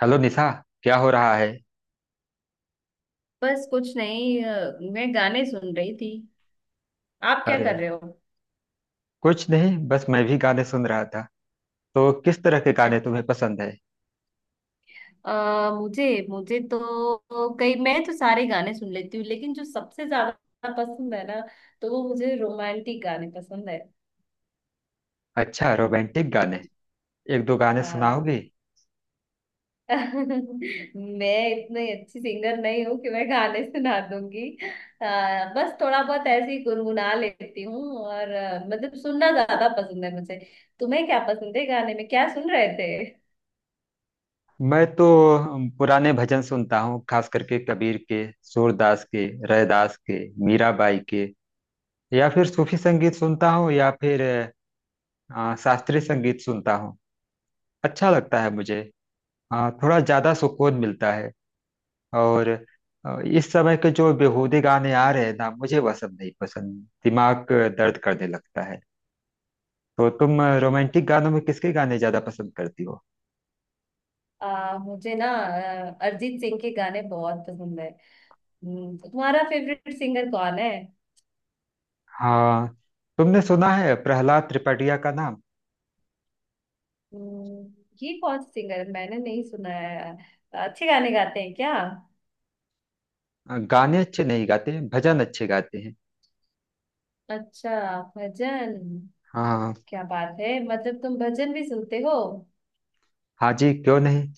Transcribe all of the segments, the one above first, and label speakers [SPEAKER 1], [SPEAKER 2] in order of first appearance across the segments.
[SPEAKER 1] Hello Nisha. क्या हो रहा है?
[SPEAKER 2] बस कुछ नहीं मैं गाने सुन रही थी। आप क्या
[SPEAKER 1] अरे,
[SPEAKER 2] कर रहे हो?
[SPEAKER 1] कुछ नहीं, बस मैं भी गाने सुन रहा था। तो किस तरह के
[SPEAKER 2] अ,
[SPEAKER 1] गाने तुम्हें पसंद है?
[SPEAKER 2] अ, मुझे मुझे तो कई मैं तो सारे गाने सुन लेती हूँ लेकिन जो सबसे ज्यादा पसंद है ना, तो वो मुझे रोमांटिक गाने पसंद है।
[SPEAKER 1] अच्छा, रोमांटिक गाने। एक दो गाने
[SPEAKER 2] हाँ।
[SPEAKER 1] सुनाओगी?
[SPEAKER 2] मैं इतनी अच्छी सिंगर नहीं हूँ कि मैं गाने सुना दूंगी। बस थोड़ा बहुत ऐसे ही गुनगुना लेती हूँ और मतलब सुनना ज्यादा पसंद है मुझे। तुम्हें क्या पसंद है? गाने में क्या सुन रहे थे?
[SPEAKER 1] मैं तो पुराने भजन सुनता हूँ, खास करके कबीर के, सूरदास के, रैदास के, मीराबाई के, या फिर सूफी संगीत सुनता हूँ, या फिर शास्त्रीय संगीत सुनता हूँ। अच्छा लगता है मुझे। थोड़ा ज्यादा सुकून मिलता है। और इस समय के जो बेहूदे गाने आ रहे हैं ना, मुझे वह सब नहीं पसंद। दिमाग दर्द करने लगता है। तो तुम रोमांटिक गानों में किसके गाने ज्यादा पसंद करती हो?
[SPEAKER 2] मुझे ना अरिजीत सिंह के गाने बहुत पसंद है। तुम्हारा फेवरेट सिंगर कौन है?
[SPEAKER 1] हाँ, तुमने सुना है प्रहलाद त्रिपाठिया का नाम?
[SPEAKER 2] हम्म, ये कौन सा सिंगर है? मैंने नहीं सुना है। अच्छे गाने गाते हैं क्या?
[SPEAKER 1] गाने अच्छे नहीं गाते, भजन अच्छे गाते हैं।
[SPEAKER 2] अच्छा। भजन?
[SPEAKER 1] हाँ।
[SPEAKER 2] क्या बात है! मतलब तुम भजन भी सुनते हो?
[SPEAKER 1] हाँ जी, क्यों नहीं।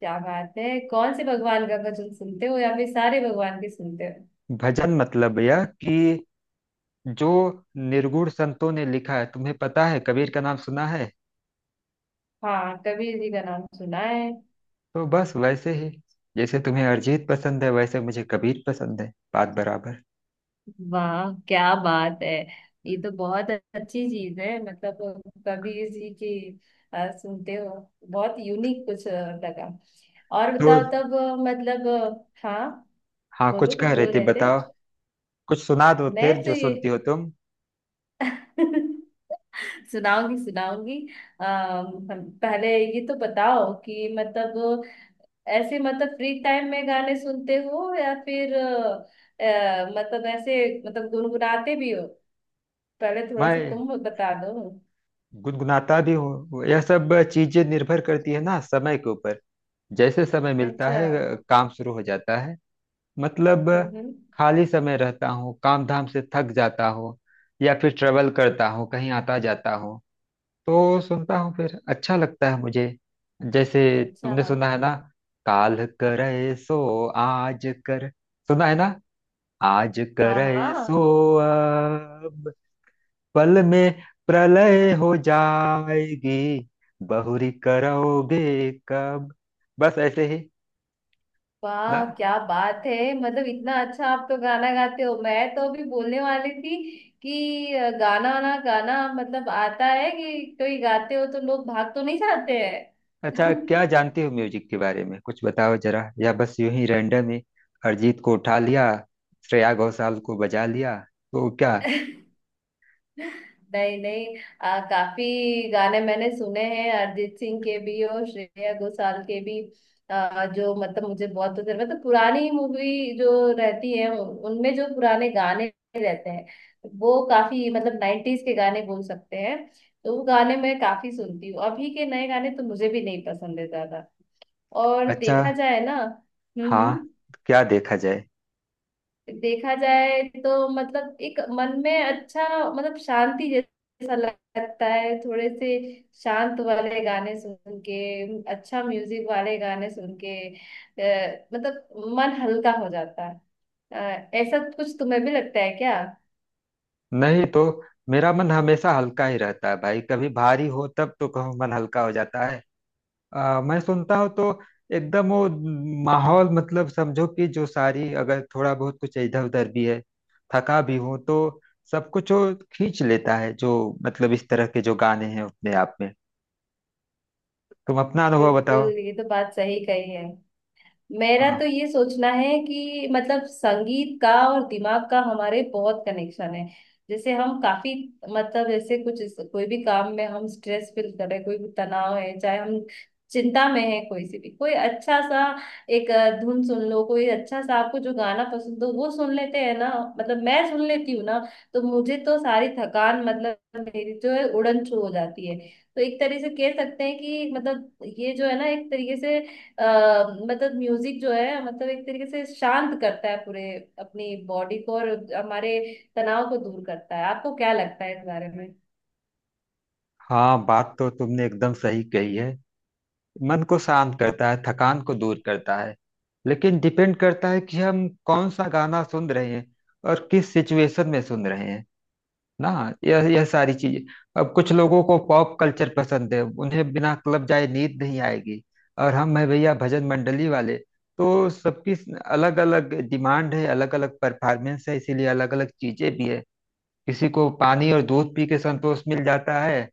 [SPEAKER 2] क्या बात है! कौन से भगवान का भजन सुनते हो या फिर सारे भगवान के सुनते हो?
[SPEAKER 1] भजन मतलब यह कि जो निर्गुण संतों ने लिखा है। तुम्हें पता है, कबीर का नाम सुना है?
[SPEAKER 2] हाँ, कबीर जी का नाम सुना है।
[SPEAKER 1] तो बस वैसे ही, जैसे तुम्हें अरिजीत पसंद है वैसे मुझे कबीर पसंद है। बात बराबर।
[SPEAKER 2] वाह क्या बात है! ये तो बहुत अच्छी चीज है। मतलब कभी इसी की सुनते हो। बहुत यूनिक कुछ लगा। और
[SPEAKER 1] तो
[SPEAKER 2] बताओ तब मतलब हाँ।
[SPEAKER 1] हाँ, कुछ
[SPEAKER 2] बोलो,
[SPEAKER 1] कह
[SPEAKER 2] कुछ
[SPEAKER 1] रही
[SPEAKER 2] बोल
[SPEAKER 1] थी,
[SPEAKER 2] रहे थे।
[SPEAKER 1] बताओ। कुछ सुना दो
[SPEAKER 2] मैं
[SPEAKER 1] फिर,
[SPEAKER 2] तो
[SPEAKER 1] जो
[SPEAKER 2] ये
[SPEAKER 1] सुनती हो तुम।
[SPEAKER 2] सुनाऊंगी, सुनाऊंगी। पहले ये तो बताओ कि मतलब ऐसे मतलब फ्री टाइम में गाने सुनते हो या फिर मतलब ऐसे मतलब गुनगुनाते भी हो? पहले थोड़ा सा
[SPEAKER 1] मैं
[SPEAKER 2] तुम बता दो।
[SPEAKER 1] गुनगुनाता भी हूँ। यह सब चीजें निर्भर करती है ना समय के ऊपर। जैसे समय मिलता
[SPEAKER 2] अच्छा।
[SPEAKER 1] है, काम शुरू हो जाता है, मतलब।
[SPEAKER 2] हम्म।
[SPEAKER 1] खाली समय रहता हूँ, काम धाम से थक जाता हूँ, या फिर ट्रेवल करता हूँ, कहीं आता जाता हूँ, तो सुनता हूँ फिर। अच्छा लगता है मुझे। जैसे,
[SPEAKER 2] अच्छा।
[SPEAKER 1] तुमने सुना है ना? काल करे सो आज कर। सुना है ना? आज
[SPEAKER 2] हाँ
[SPEAKER 1] करे सो
[SPEAKER 2] हाँ।
[SPEAKER 1] अब, पल में प्रलय हो जाएगी, बहुरी करोगे कब। बस ऐसे ही ना।
[SPEAKER 2] वाह क्या बात है! मतलब इतना अच्छा आप तो गाना गाते हो! मैं तो अभी बोलने वाली थी कि गाना ना गाना मतलब आता है कि कोई गाते हो तो लोग भाग तो नहीं जाते हैं।
[SPEAKER 1] अच्छा, क्या जानती हो म्यूजिक के बारे में? कुछ बताओ जरा, या बस यूं ही रैंडम ही अरिजीत को उठा लिया, श्रेया घोषाल को बजा लिया, तो क्या।
[SPEAKER 2] नहीं नहीं, काफी गाने मैंने सुने हैं अरिजीत सिंह के भी और श्रेया घोषाल के भी। जो मतलब मुझे बहुत पसंद मतलब पुरानी मूवी जो रहती है उनमें जो पुराने गाने रहते हैं, वो काफी मतलब नाइन्टीज के गाने बोल सकते हैं। तो वो गाने मैं काफी सुनती हूँ। अभी के नए गाने तो मुझे भी नहीं पसंद है ज्यादा। और
[SPEAKER 1] अच्छा।
[SPEAKER 2] देखा जाए ना।
[SPEAKER 1] हाँ,
[SPEAKER 2] हम्म।
[SPEAKER 1] क्या देखा जाए?
[SPEAKER 2] देखा जाए तो मतलब एक मन में अच्छा मतलब शांति जैसा लगता है। थोड़े से शांत वाले गाने सुन के, अच्छा म्यूजिक वाले गाने सुन के मतलब मन हल्का हो जाता है। ऐसा कुछ तुम्हें भी लगता है क्या?
[SPEAKER 1] नहीं तो, मेरा मन हमेशा हल्का ही रहता है भाई। कभी भारी हो तब तो कहो मन हल्का हो जाता है। मैं सुनता हूँ तो एकदम वो माहौल, मतलब समझो कि जो सारी, अगर थोड़ा बहुत कुछ इधर उधर भी है, थका भी हूँ, तो सब कुछ वो खींच लेता है जो, मतलब इस तरह के जो गाने हैं अपने आप में। तुम अपना अनुभव बताओ।
[SPEAKER 2] बिल्कुल, ये तो बात सही कही है। मेरा तो
[SPEAKER 1] हाँ,
[SPEAKER 2] ये सोचना है कि मतलब संगीत का और दिमाग का हमारे बहुत कनेक्शन है। जैसे हम काफी मतलब जैसे कोई भी काम में हम स्ट्रेस फील कर रहे हैं, कोई भी तनाव है, चाहे हम चिंता में है, कोई से भी कोई अच्छा सा एक धुन सुन लो, कोई अच्छा सा आपको जो गाना पसंद हो वो सुन लेते हैं ना, मतलब मैं सुन लेती हूँ ना, तो मुझे तो सारी थकान मतलब मेरी जो है उड़न छू हो जाती है। तो एक तरह से कह सकते हैं कि मतलब ये जो है ना एक तरीके से अ, मतलब म्यूजिक जो है मतलब एक तरीके से शांत करता है पूरे अपनी बॉडी को और हमारे तनाव को दूर करता है। आपको क्या लगता है इस बारे में?
[SPEAKER 1] हाँ, बात तो तुमने एकदम सही कही है। मन को शांत करता है, थकान को दूर करता है। लेकिन डिपेंड करता है कि हम कौन सा गाना सुन रहे हैं और किस सिचुएशन में सुन रहे हैं ना। यह सारी चीजें। अब कुछ लोगों को पॉप कल्चर पसंद है, उन्हें बिना क्लब जाए नींद नहीं आएगी। और हम है भैया भजन मंडली वाले। तो सबकी अलग अलग डिमांड है, अलग अलग परफॉर्मेंस है, इसीलिए अलग अलग चीजें भी है। किसी को पानी और दूध पी के संतोष मिल जाता है,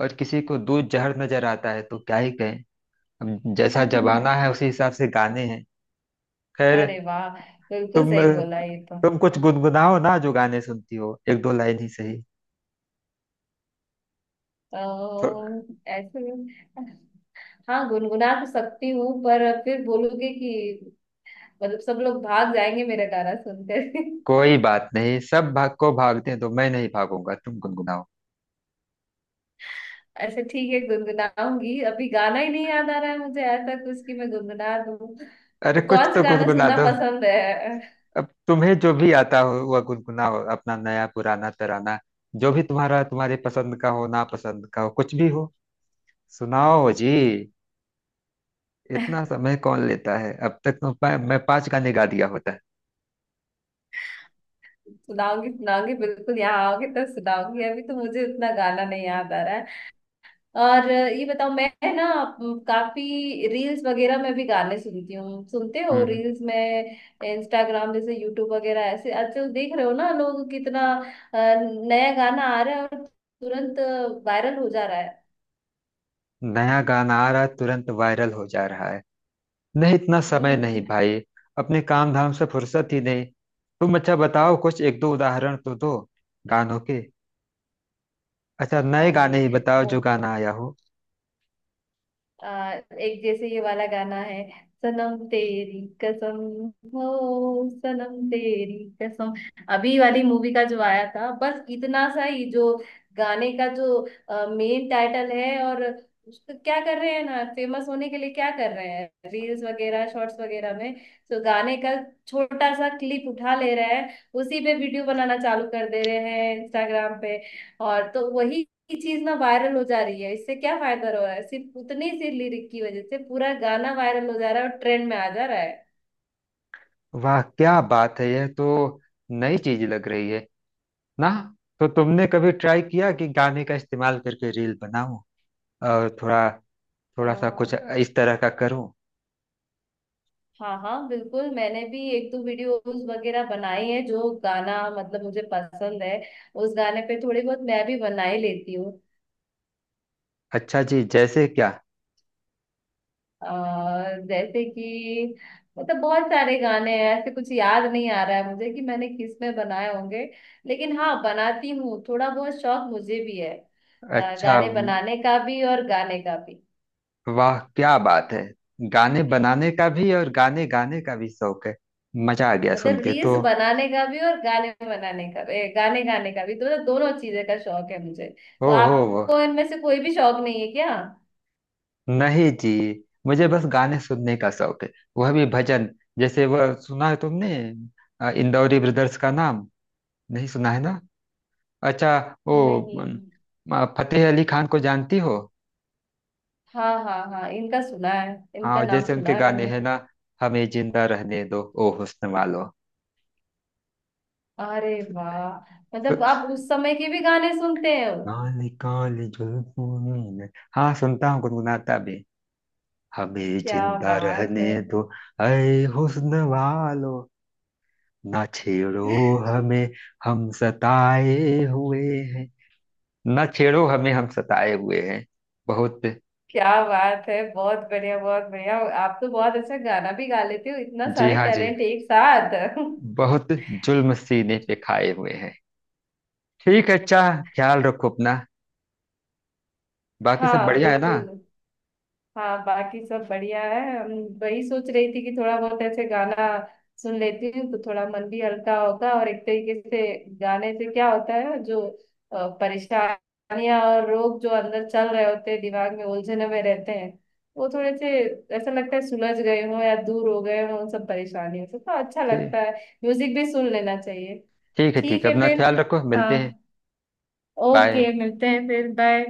[SPEAKER 1] और किसी को दूध जहर नजर आता है, तो क्या ही कहें। अब जैसा जमाना है उसी हिसाब से गाने हैं। खैर।
[SPEAKER 2] अरे वाह! बिल्कुल
[SPEAKER 1] तुम
[SPEAKER 2] सही बोला ये तो।
[SPEAKER 1] तुम कुछ गुनगुनाओ ना, जो गाने सुनती हो, एक दो लाइन ही सही।
[SPEAKER 2] अ, ऐसे में- हाँ, गुनगुना तो सकती हूँ पर फिर बोलोगे कि मतलब सब लोग भाग जाएंगे मेरा गाना सुनकर।
[SPEAKER 1] कोई बात नहीं, सब भाग को भागते हैं तो मैं नहीं भागूंगा, तुम गुनगुनाओ।
[SPEAKER 2] अच्छा ठीक है, गुनगुनाऊंगी। अभी गाना ही नहीं याद आ रहा है मुझे ऐसा कुछ कि मैं गुनगुना दूँ।
[SPEAKER 1] अरे
[SPEAKER 2] तो
[SPEAKER 1] कुछ
[SPEAKER 2] कौन सा
[SPEAKER 1] तो
[SPEAKER 2] गाना
[SPEAKER 1] गुनगुना
[SPEAKER 2] सुनना
[SPEAKER 1] दो।
[SPEAKER 2] पसंद है?
[SPEAKER 1] अब तुम्हें जो भी आता हो वह गुनगुनाओ, अपना नया पुराना तराना। जो भी तुम्हारा, तुम्हारे पसंद का हो, ना पसंद का हो, कुछ भी हो, सुनाओ जी। इतना समय कौन लेता है? अब तक तो मैं 5 गाने गा दिया होता है।
[SPEAKER 2] सुनाऊंगी सुनाऊंगी बिल्कुल, यहाँ आओगे तो सुनाऊंगी। अभी तो मुझे उतना गाना नहीं याद आ रहा है। और ये बताओ, मैं ना काफी रील्स वगैरह में भी गाने सुनती हूँ। सुनते हो
[SPEAKER 1] हम्म।
[SPEAKER 2] रील्स में? इंस्टाग्राम जैसे, यूट्यूब वगैरह ऐसे आजकल देख रहे हो ना लोग कितना नया गाना आ रहा है और तुरंत वायरल हो जा रहा है।
[SPEAKER 1] नया गाना आ रहा, तुरंत वायरल हो जा रहा है। नहीं, इतना समय
[SPEAKER 2] हम्म।
[SPEAKER 1] नहीं भाई। अपने काम धाम से फुर्सत ही नहीं। तुम अच्छा बताओ, कुछ एक दो उदाहरण तो दो गानों के। अच्छा, नए
[SPEAKER 2] अरे
[SPEAKER 1] गाने ही बताओ
[SPEAKER 2] वो
[SPEAKER 1] जो गाना आया हो।
[SPEAKER 2] आ, एक जैसे ये वाला गाना है, सनम तेरी कसम, हो सनम तेरी कसम, अभी वाली मूवी का जो आया था। बस इतना सा ही जो गाने का जो मेन टाइटल है। और उसको क्या कर रहे हैं ना, फेमस होने के लिए क्या कर रहे हैं, रील्स वगैरह शॉर्ट्स वगैरह में तो गाने का छोटा सा क्लिप उठा ले रहे हैं, उसी पे वीडियो बनाना चालू कर दे रहे हैं इंस्टाग्राम पे। और तो वही की चीज ना वायरल हो जा रही है। इससे क्या फायदा हो रहा है? सिर्फ उतनी सी लिरिक की वजह से पूरा गाना वायरल हो जा रहा है और ट्रेंड में आ जा रहा है।
[SPEAKER 1] वाह क्या बात है, यह तो नई चीज लग रही है ना। तो तुमने कभी ट्राई किया कि गाने का इस्तेमाल करके रील बनाऊं, और थोड़ा
[SPEAKER 2] अ,
[SPEAKER 1] थोड़ा सा कुछ इस तरह का करूं?
[SPEAKER 2] हाँ हाँ बिल्कुल, मैंने भी एक दो वीडियोस वगैरह बनाई है। जो गाना मतलब मुझे पसंद है उस गाने पे थोड़ी बहुत मैं भी बना ही लेती हूँ।
[SPEAKER 1] अच्छा जी, जैसे क्या?
[SPEAKER 2] अ, जैसे कि मतलब बहुत सारे गाने हैं ऐसे, कुछ याद नहीं आ रहा है मुझे कि मैंने किस में बनाए होंगे। लेकिन हाँ, बनाती हूँ। थोड़ा बहुत शौक मुझे भी है
[SPEAKER 1] अच्छा,
[SPEAKER 2] गाने बनाने का भी और गाने का भी।
[SPEAKER 1] वाह क्या बात है। गाने बनाने का भी और गाने गाने का भी शौक है। मजा आ गया सुन
[SPEAKER 2] मतलब
[SPEAKER 1] के तो।
[SPEAKER 2] रील्स बनाने का भी और गाने बनाने का भी गाने गाने का भी, तो मतलब दोनों चीजें का शौक है मुझे। तो
[SPEAKER 1] ओहो,
[SPEAKER 2] आपको इनमें से कोई भी शौक नहीं है क्या?
[SPEAKER 1] नहीं जी, मुझे बस गाने सुनने का शौक है, वह भी भजन। जैसे, वह सुना है तुमने इंदौरी ब्रदर्स का नाम? नहीं सुना है ना। अच्छा, वो
[SPEAKER 2] नहीं।
[SPEAKER 1] अम, फतेह अली खान को जानती हो?
[SPEAKER 2] हाँ हाँ हाँ, इनका सुना है, इनका
[SPEAKER 1] हाँ,
[SPEAKER 2] नाम
[SPEAKER 1] जैसे
[SPEAKER 2] सुना
[SPEAKER 1] उनके
[SPEAKER 2] है
[SPEAKER 1] गाने
[SPEAKER 2] मैंने।
[SPEAKER 1] हैं ना, हमें जिंदा रहने दो ओ हुस्न वालो।
[SPEAKER 2] अरे वाह!
[SPEAKER 1] सु-
[SPEAKER 2] मतलब आप उस समय के भी गाने सुनते हो?
[SPEAKER 1] काली काली जुल्फों ने- हाँ, सुनता हूँ, गुनगुनाता भी। हमें
[SPEAKER 2] क्या
[SPEAKER 1] जिंदा
[SPEAKER 2] बात
[SPEAKER 1] रहने
[SPEAKER 2] है!
[SPEAKER 1] दो, ऐ हुस्न वालो, ना छेड़ो हमें, हम सताए हुए हैं, ना छेड़ो हमें, हम सताए हुए हैं बहुत।
[SPEAKER 2] क्या बात है, बहुत बढ़िया बहुत बढ़िया! आप तो बहुत अच्छा गाना भी गा लेते हो। इतना
[SPEAKER 1] जी
[SPEAKER 2] सारे
[SPEAKER 1] हाँ जी,
[SPEAKER 2] टैलेंट एक साथ!
[SPEAKER 1] बहुत जुल्म सीने पे खाए हुए हैं। ठीक है, अच्छा, ख्याल रखो अपना। बाकी सब
[SPEAKER 2] हाँ
[SPEAKER 1] बढ़िया है ना?
[SPEAKER 2] बिल्कुल। हाँ, बाकी सब बढ़िया है। हम वही सोच रही थी कि थोड़ा बहुत ऐसे गाना सुन लेती हूँ तो थोड़ा मन भी हल्का होता है। और एक तरीके से गाने से क्या होता है जो परेशानियां और रोग जो अंदर चल रहे होते हैं दिमाग में, उलझने में रहते हैं, वो थोड़े से ऐसा लगता है सुलझ गए हो या दूर हो गए हो उन सब परेशानियों से, तो अच्छा लगता
[SPEAKER 1] ठीक।
[SPEAKER 2] है। म्यूजिक भी सुन लेना चाहिए।
[SPEAKER 1] ठीक है, ठीक
[SPEAKER 2] ठीक
[SPEAKER 1] है।
[SPEAKER 2] है
[SPEAKER 1] अपना
[SPEAKER 2] फिर।
[SPEAKER 1] ख्याल रखो, मिलते हैं।
[SPEAKER 2] हाँ।
[SPEAKER 1] बाय।
[SPEAKER 2] ओके, मिलते हैं फिर। बाय।